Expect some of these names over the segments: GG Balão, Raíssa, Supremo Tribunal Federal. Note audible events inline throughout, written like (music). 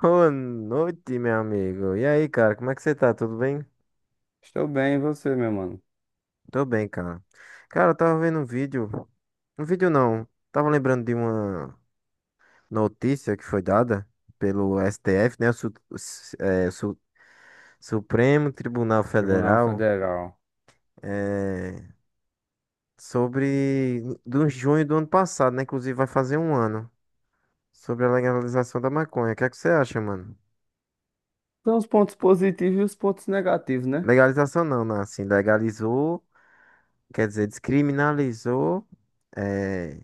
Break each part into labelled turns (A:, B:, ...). A: Boa noite, meu amigo. E aí, cara, como é que você tá? Tudo bem?
B: Estou bem, e você, meu mano?
A: Tô bem, cara. Cara, eu tava vendo um vídeo. Um vídeo não. Tava lembrando de uma notícia que foi dada pelo STF, né? O, Su- o S- é, Su- Supremo Tribunal
B: Tribunal
A: Federal.
B: Federal.
A: É, sobre. Do junho do ano passado, né? Inclusive vai fazer um ano. Sobre a legalização da maconha. O que é que você acha, mano?
B: Tem os pontos positivos e os pontos negativos, né?
A: Legalização não, né? Assim, legalizou. Quer dizer, descriminalizou é,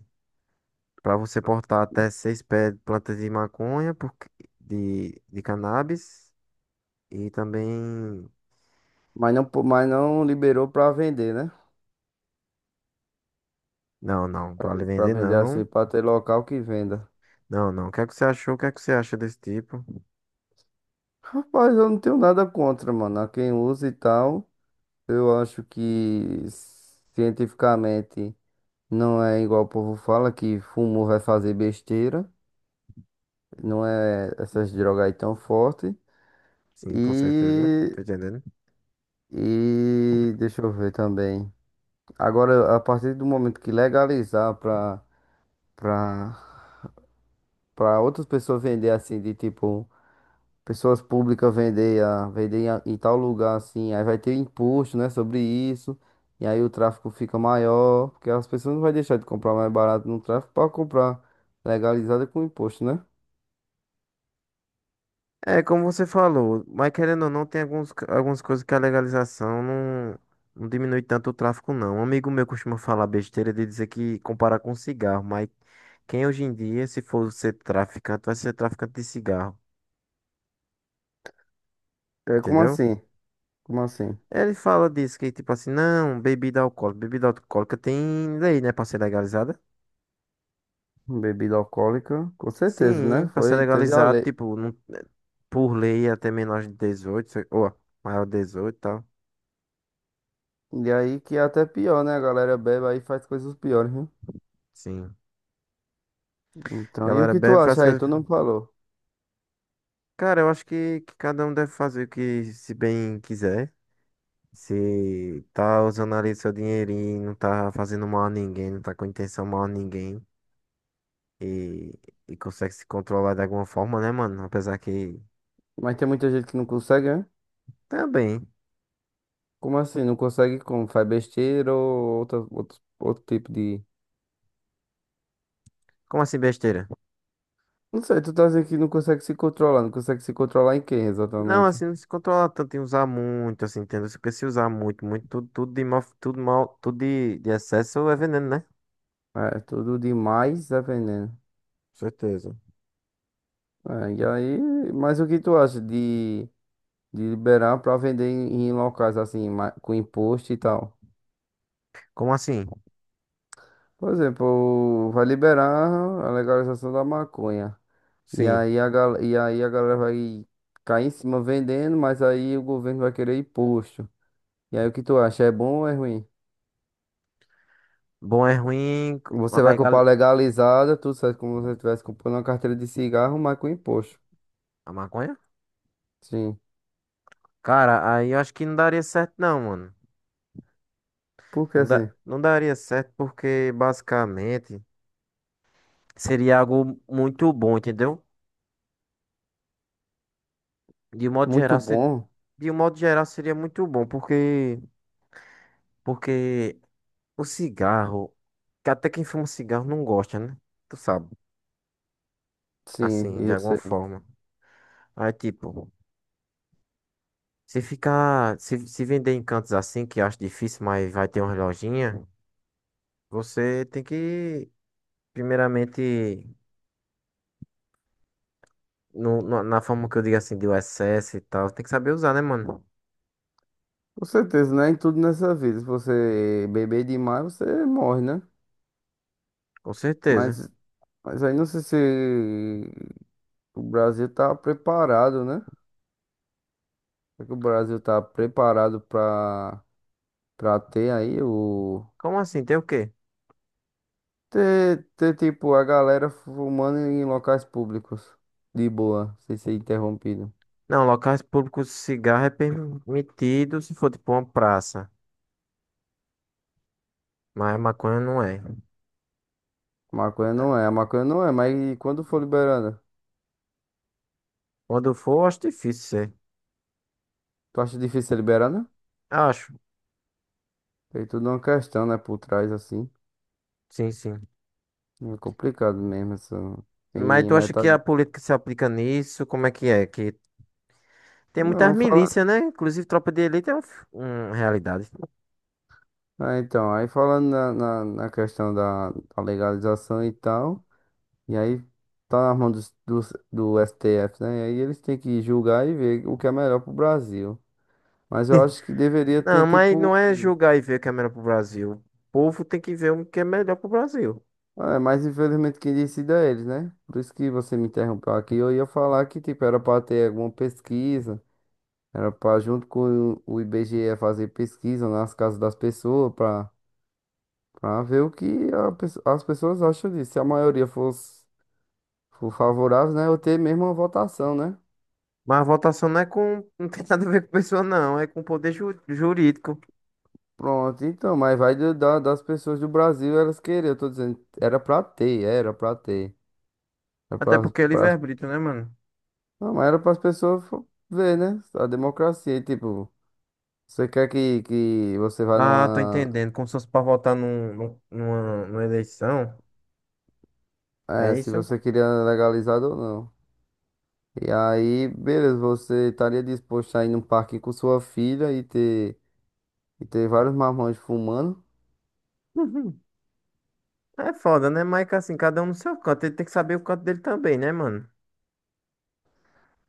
A: para você portar até seis pés de plantas de maconha, porque, de cannabis, e também.
B: Mas não liberou pra vender, né?
A: Não, não, para
B: Pra
A: vender
B: vender assim,
A: não.
B: pra ter local que venda.
A: Não, não. O que é que você achou? O que é que você acha desse tipo?
B: Rapaz, eu não tenho nada contra, mano. A quem usa e tal, eu acho que cientificamente não é igual o povo fala, que fumo vai fazer besteira. Não é essas drogas aí tão fortes.
A: Sim, com certeza.
B: E,
A: Tô entendendo.
B: e deixa eu ver também. Agora, a partir do momento que legalizar para para outras pessoas vender assim, de tipo, pessoas públicas vender, vender em tal lugar assim, aí vai ter imposto, né, sobre isso, e aí o tráfico fica maior, porque as pessoas não vai deixar de comprar mais barato no tráfico para comprar legalizada com imposto, né?
A: É, como você falou, mas querendo ou não, tem algumas coisas que a legalização não, não diminui tanto o tráfico, não. Um amigo meu costuma falar besteira de dizer que comparar com cigarro, mas quem hoje em dia, se for ser traficante, vai ser traficante de cigarro,
B: É como
A: entendeu?
B: assim? Como assim?
A: Ele fala disso, que tipo assim, não, bebida alcoólica tem lei, né, pra ser legalizada?
B: Bebida alcoólica, com certeza, né?
A: Sim, pra ser
B: Foi, teve a
A: legalizado,
B: lei.
A: tipo, por lei até menor de 18 ou maior de 18 e tal.
B: E aí que é até pior, né? A galera bebe aí e faz coisas piores, né?
A: Sim.
B: Então, e o
A: Galera
B: que tu
A: bebe, faz
B: acha aí?
A: coisas.
B: Tu não falou.
A: Cara, eu acho que cada um deve fazer o que se bem quiser. Se tá usando ali seu dinheirinho, não tá fazendo mal a ninguém, não tá com intenção mal a ninguém e, e consegue se controlar de alguma forma, né, mano? Apesar que
B: Mas tem muita gente que não consegue, né?
A: também.
B: Como assim? Não consegue como? Faz besteira ou outro tipo de.
A: Como assim besteira?
B: Não sei, tu tá dizendo que não consegue se controlar. Não consegue se controlar em quem
A: Não,
B: exatamente?
A: assim, não se controla tanto em usar muito, assim, entendeu? Porque se usar muito, muito, tudo, tudo de mal, tudo de excesso é veneno, né?
B: É, tudo demais é veneno.
A: Com certeza.
B: É, e aí, mas o que tu acha de liberar pra vender em locais assim, com imposto e tal?
A: Como assim?
B: Por exemplo, vai liberar a legalização da maconha. E
A: Sim.
B: aí e aí a galera vai cair em cima vendendo, mas aí o governo vai querer imposto. E aí o que tu acha? É bom ou é ruim?
A: Bom é ruim, mas
B: Você vai comprar legalizada, tudo certo, como se você estivesse comprando uma carteira de cigarro, mas com imposto.
A: a maconha?
B: Sim.
A: Cara, aí eu acho que não daria certo não, mano.
B: Porque assim,
A: Não daria certo porque basicamente seria algo muito bom, entendeu? De um modo
B: muito
A: geral, ser-
B: bom.
A: de um modo geral seria muito bom, porque o cigarro, que até quem fuma cigarro não gosta, né? Tu sabe,
B: Sim,
A: assim, de
B: eu
A: alguma
B: sei.
A: forma. Aí tipo, se ficar, se vender em cantos assim que eu acho difícil, mas vai ter uma lojinha, você tem que primeiramente. Na forma que eu digo assim, de USS e tal, tem que saber usar, né, mano?
B: Com certeza, né? Em tudo nessa vida. Se você beber demais, você morre, né?
A: Com certeza.
B: Mas, mas aí não sei se o Brasil tá preparado, né? Será que o Brasil tá preparado pra. Pra ter aí o.
A: Como assim? Tem o quê?
B: Ter tipo a galera fumando em locais públicos. De boa, sem ser interrompido.
A: Não, locais públicos de cigarro é permitido se for tipo uma praça, mas maconha não é.
B: Maconha não é, a maconha não é, mas e quando for liberada?
A: Quando for, eu acho difícil ser.
B: Tu acha difícil ser liberada?
A: Acho,
B: Tem tudo uma questão, né, por trás assim.
A: sim, sim.
B: É complicado mesmo essa.
A: Mas
B: Tem
A: tu acha que a
B: metade.
A: política se aplica nisso? Como é? Que tem muitas
B: Não, fala.
A: milícias, né? Inclusive, tropa de elite é um, um realidade.
B: Ah, então, aí falando na questão da legalização e tal. E aí tá na mão do STF, né? E aí eles têm que julgar e ver o que é melhor pro Brasil. Mas eu acho que deveria
A: Não,
B: ter,
A: mas não
B: tipo.
A: é julgar e ver o que é melhor pro Brasil. O povo tem que ver o que é melhor pro Brasil.
B: Ah, é, mas infelizmente quem decide é eles, né? Por isso que você me interrompeu aqui. Eu ia falar que, tipo, era pra ter alguma pesquisa. Era pra, junto com o IBGE, fazer pesquisa nas casas das pessoas. Pra ver o que as pessoas acham disso. Se a maioria for favorável, né? Eu ter mesmo uma votação, né?
A: Mas a votação não é com. Não tem nada a ver com pessoa, não. É com poder jurídico.
B: Pronto, então. Mas vai das pessoas do Brasil, elas querem. Eu tô dizendo, era pra ter. Era
A: Até
B: pra,
A: porque é livre-arbítrio, né, mano?
B: Não, mas era para as pessoas ver, né? A democracia, e, tipo, você quer que você vá
A: Ah, tô
B: numa.
A: entendendo. Como se fosse pra votar numa eleição.
B: É,
A: É
B: se
A: isso?
B: você
A: (laughs)
B: queria legalizado ou não. E aí, beleza, você estaria disposto a ir num parque com sua filha e ter vários marmanjos fumando?
A: Uhum. É foda, né? Mas que assim, cada um no seu canto. Ele tem que saber o canto dele também, né, mano?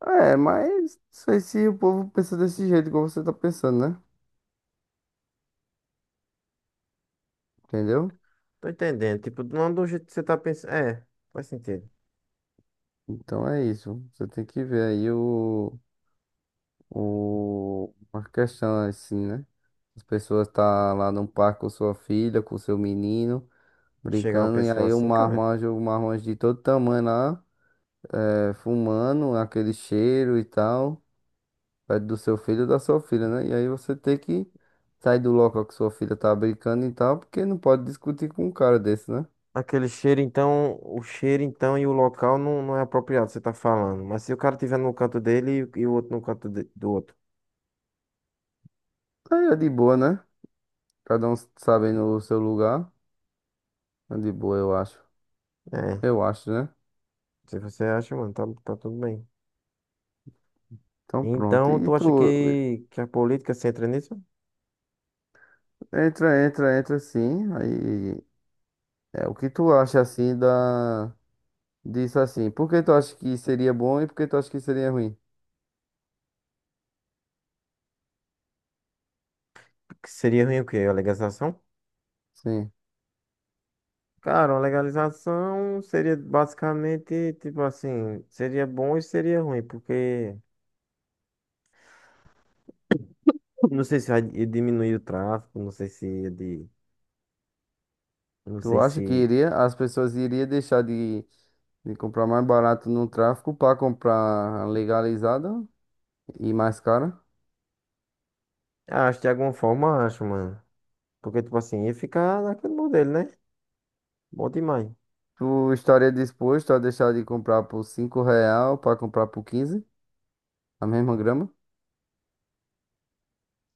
B: É, mas não sei se o povo pensa desse jeito, igual você tá pensando, né? Entendeu?
A: Tô entendendo. Tipo, não do jeito que você tá pensando. É, faz sentido.
B: Então é isso. Você tem que ver aí uma questão assim, né? As pessoas tá lá no parque com sua filha, com seu menino,
A: Chegar uma
B: brincando, e
A: pessoa
B: aí
A: assim, cara.
B: o marmanjo de todo tamanho lá, é, fumando, aquele cheiro e tal, perto do seu filho ou da sua filha, né? E aí você tem que sair do local que sua filha tá brincando e tal, porque não pode discutir com um cara desse, né?
A: Aquele cheiro, então. O cheiro, então, e o local não, não é apropriado, você tá falando. Mas se o cara tiver no canto dele e o outro no canto do outro.
B: Aí é de boa, né? Cada um sabendo o seu lugar, é de boa, eu acho.
A: É.
B: Eu acho, né?
A: Se você acha, mano, tá, tá tudo bem.
B: Então pronto.
A: Então,
B: E
A: tu acha
B: tu?
A: que a política se entra nisso?
B: Entra, entra, entra sim. Aí é o que tu acha assim da disso assim? Por que tu acha que seria bom e por que tu acha que seria ruim?
A: Que seria ruim o quê? A legalização?
B: Sim.
A: Cara, uma legalização seria basicamente, tipo assim, seria bom e seria ruim, porque não sei se vai diminuir o tráfico, não sei se ia de, não
B: Tu
A: sei
B: acha que
A: se,
B: iria as pessoas iriam deixar de comprar mais barato no tráfico para comprar legalizado e mais caro?
A: ah, acho que de alguma forma, acho, mano. Porque, tipo assim, ia ficar naquele modelo, né? Bom demais.
B: Tu estaria disposto a deixar de comprar por 5 real para comprar por 15 a mesma grama?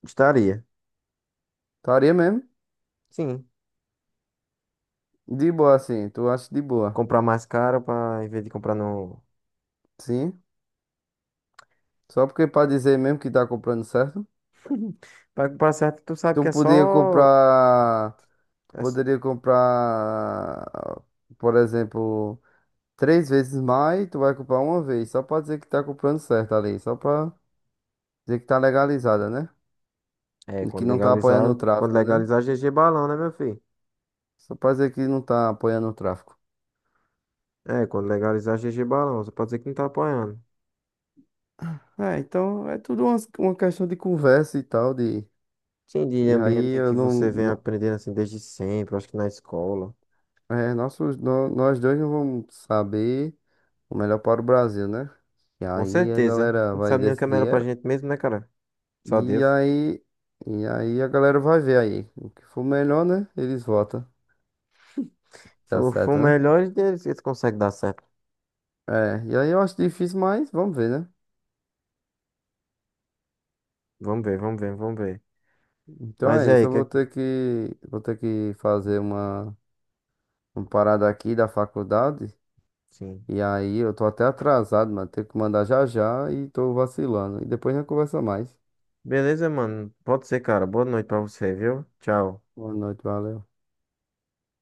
A: Estaria.
B: Estaria mesmo?
A: Sim.
B: De boa assim, tu acha de boa?
A: Comprar mais caro pra, em vez de comprar no...
B: Sim. Só porque para dizer mesmo que tá comprando certo?
A: (laughs) Pra comprar certo, tu sabe
B: Tu
A: que é
B: podia
A: só
B: comprar. Tu
A: As-
B: poderia comprar, por exemplo, três vezes mais, tu vai comprar uma vez, só pra dizer que tá comprando certo ali, só pra dizer que tá legalizada, né?
A: É,
B: E que não tá apoiando o
A: quando
B: tráfico, né?
A: legalizar GG Balão, né, meu filho?
B: Só pra dizer que não tá apoiando o tráfico.
A: É, quando legalizar GG Balão, você pode dizer que não tá apoiando.
B: É, então é tudo uma questão de conversa e tal, de.
A: Sim, de
B: E aí
A: ambiente
B: eu
A: que
B: não.
A: você vem
B: não
A: aprendendo assim desde sempre, acho que na escola.
B: é, nós dois não vamos saber o melhor para o Brasil, né? E
A: Com
B: aí a
A: certeza.
B: galera
A: Não
B: vai
A: sabe nem o que é melhor
B: decidir.
A: pra
B: É
A: gente mesmo, né, cara? Só
B: e
A: Deus.
B: aí, e aí a galera vai ver aí. O que for melhor, né? Eles votam.
A: Se
B: Dá
A: for o
B: certo, né?
A: melhor deles, eles conseguem dar certo.
B: É, e aí eu acho difícil, mas vamos ver, né?
A: Vamos ver, vamos ver, vamos ver.
B: Então
A: Mas e
B: é isso,
A: aí,
B: eu vou
A: que...
B: ter vou ter que fazer uma parada aqui da faculdade.
A: Sim.
B: E aí eu tô até atrasado, mano. Tenho que mandar já já e tô vacilando. E depois a gente conversa mais.
A: Beleza, mano. Pode ser, cara. Boa noite pra você, viu? Tchau.
B: Boa noite, valeu.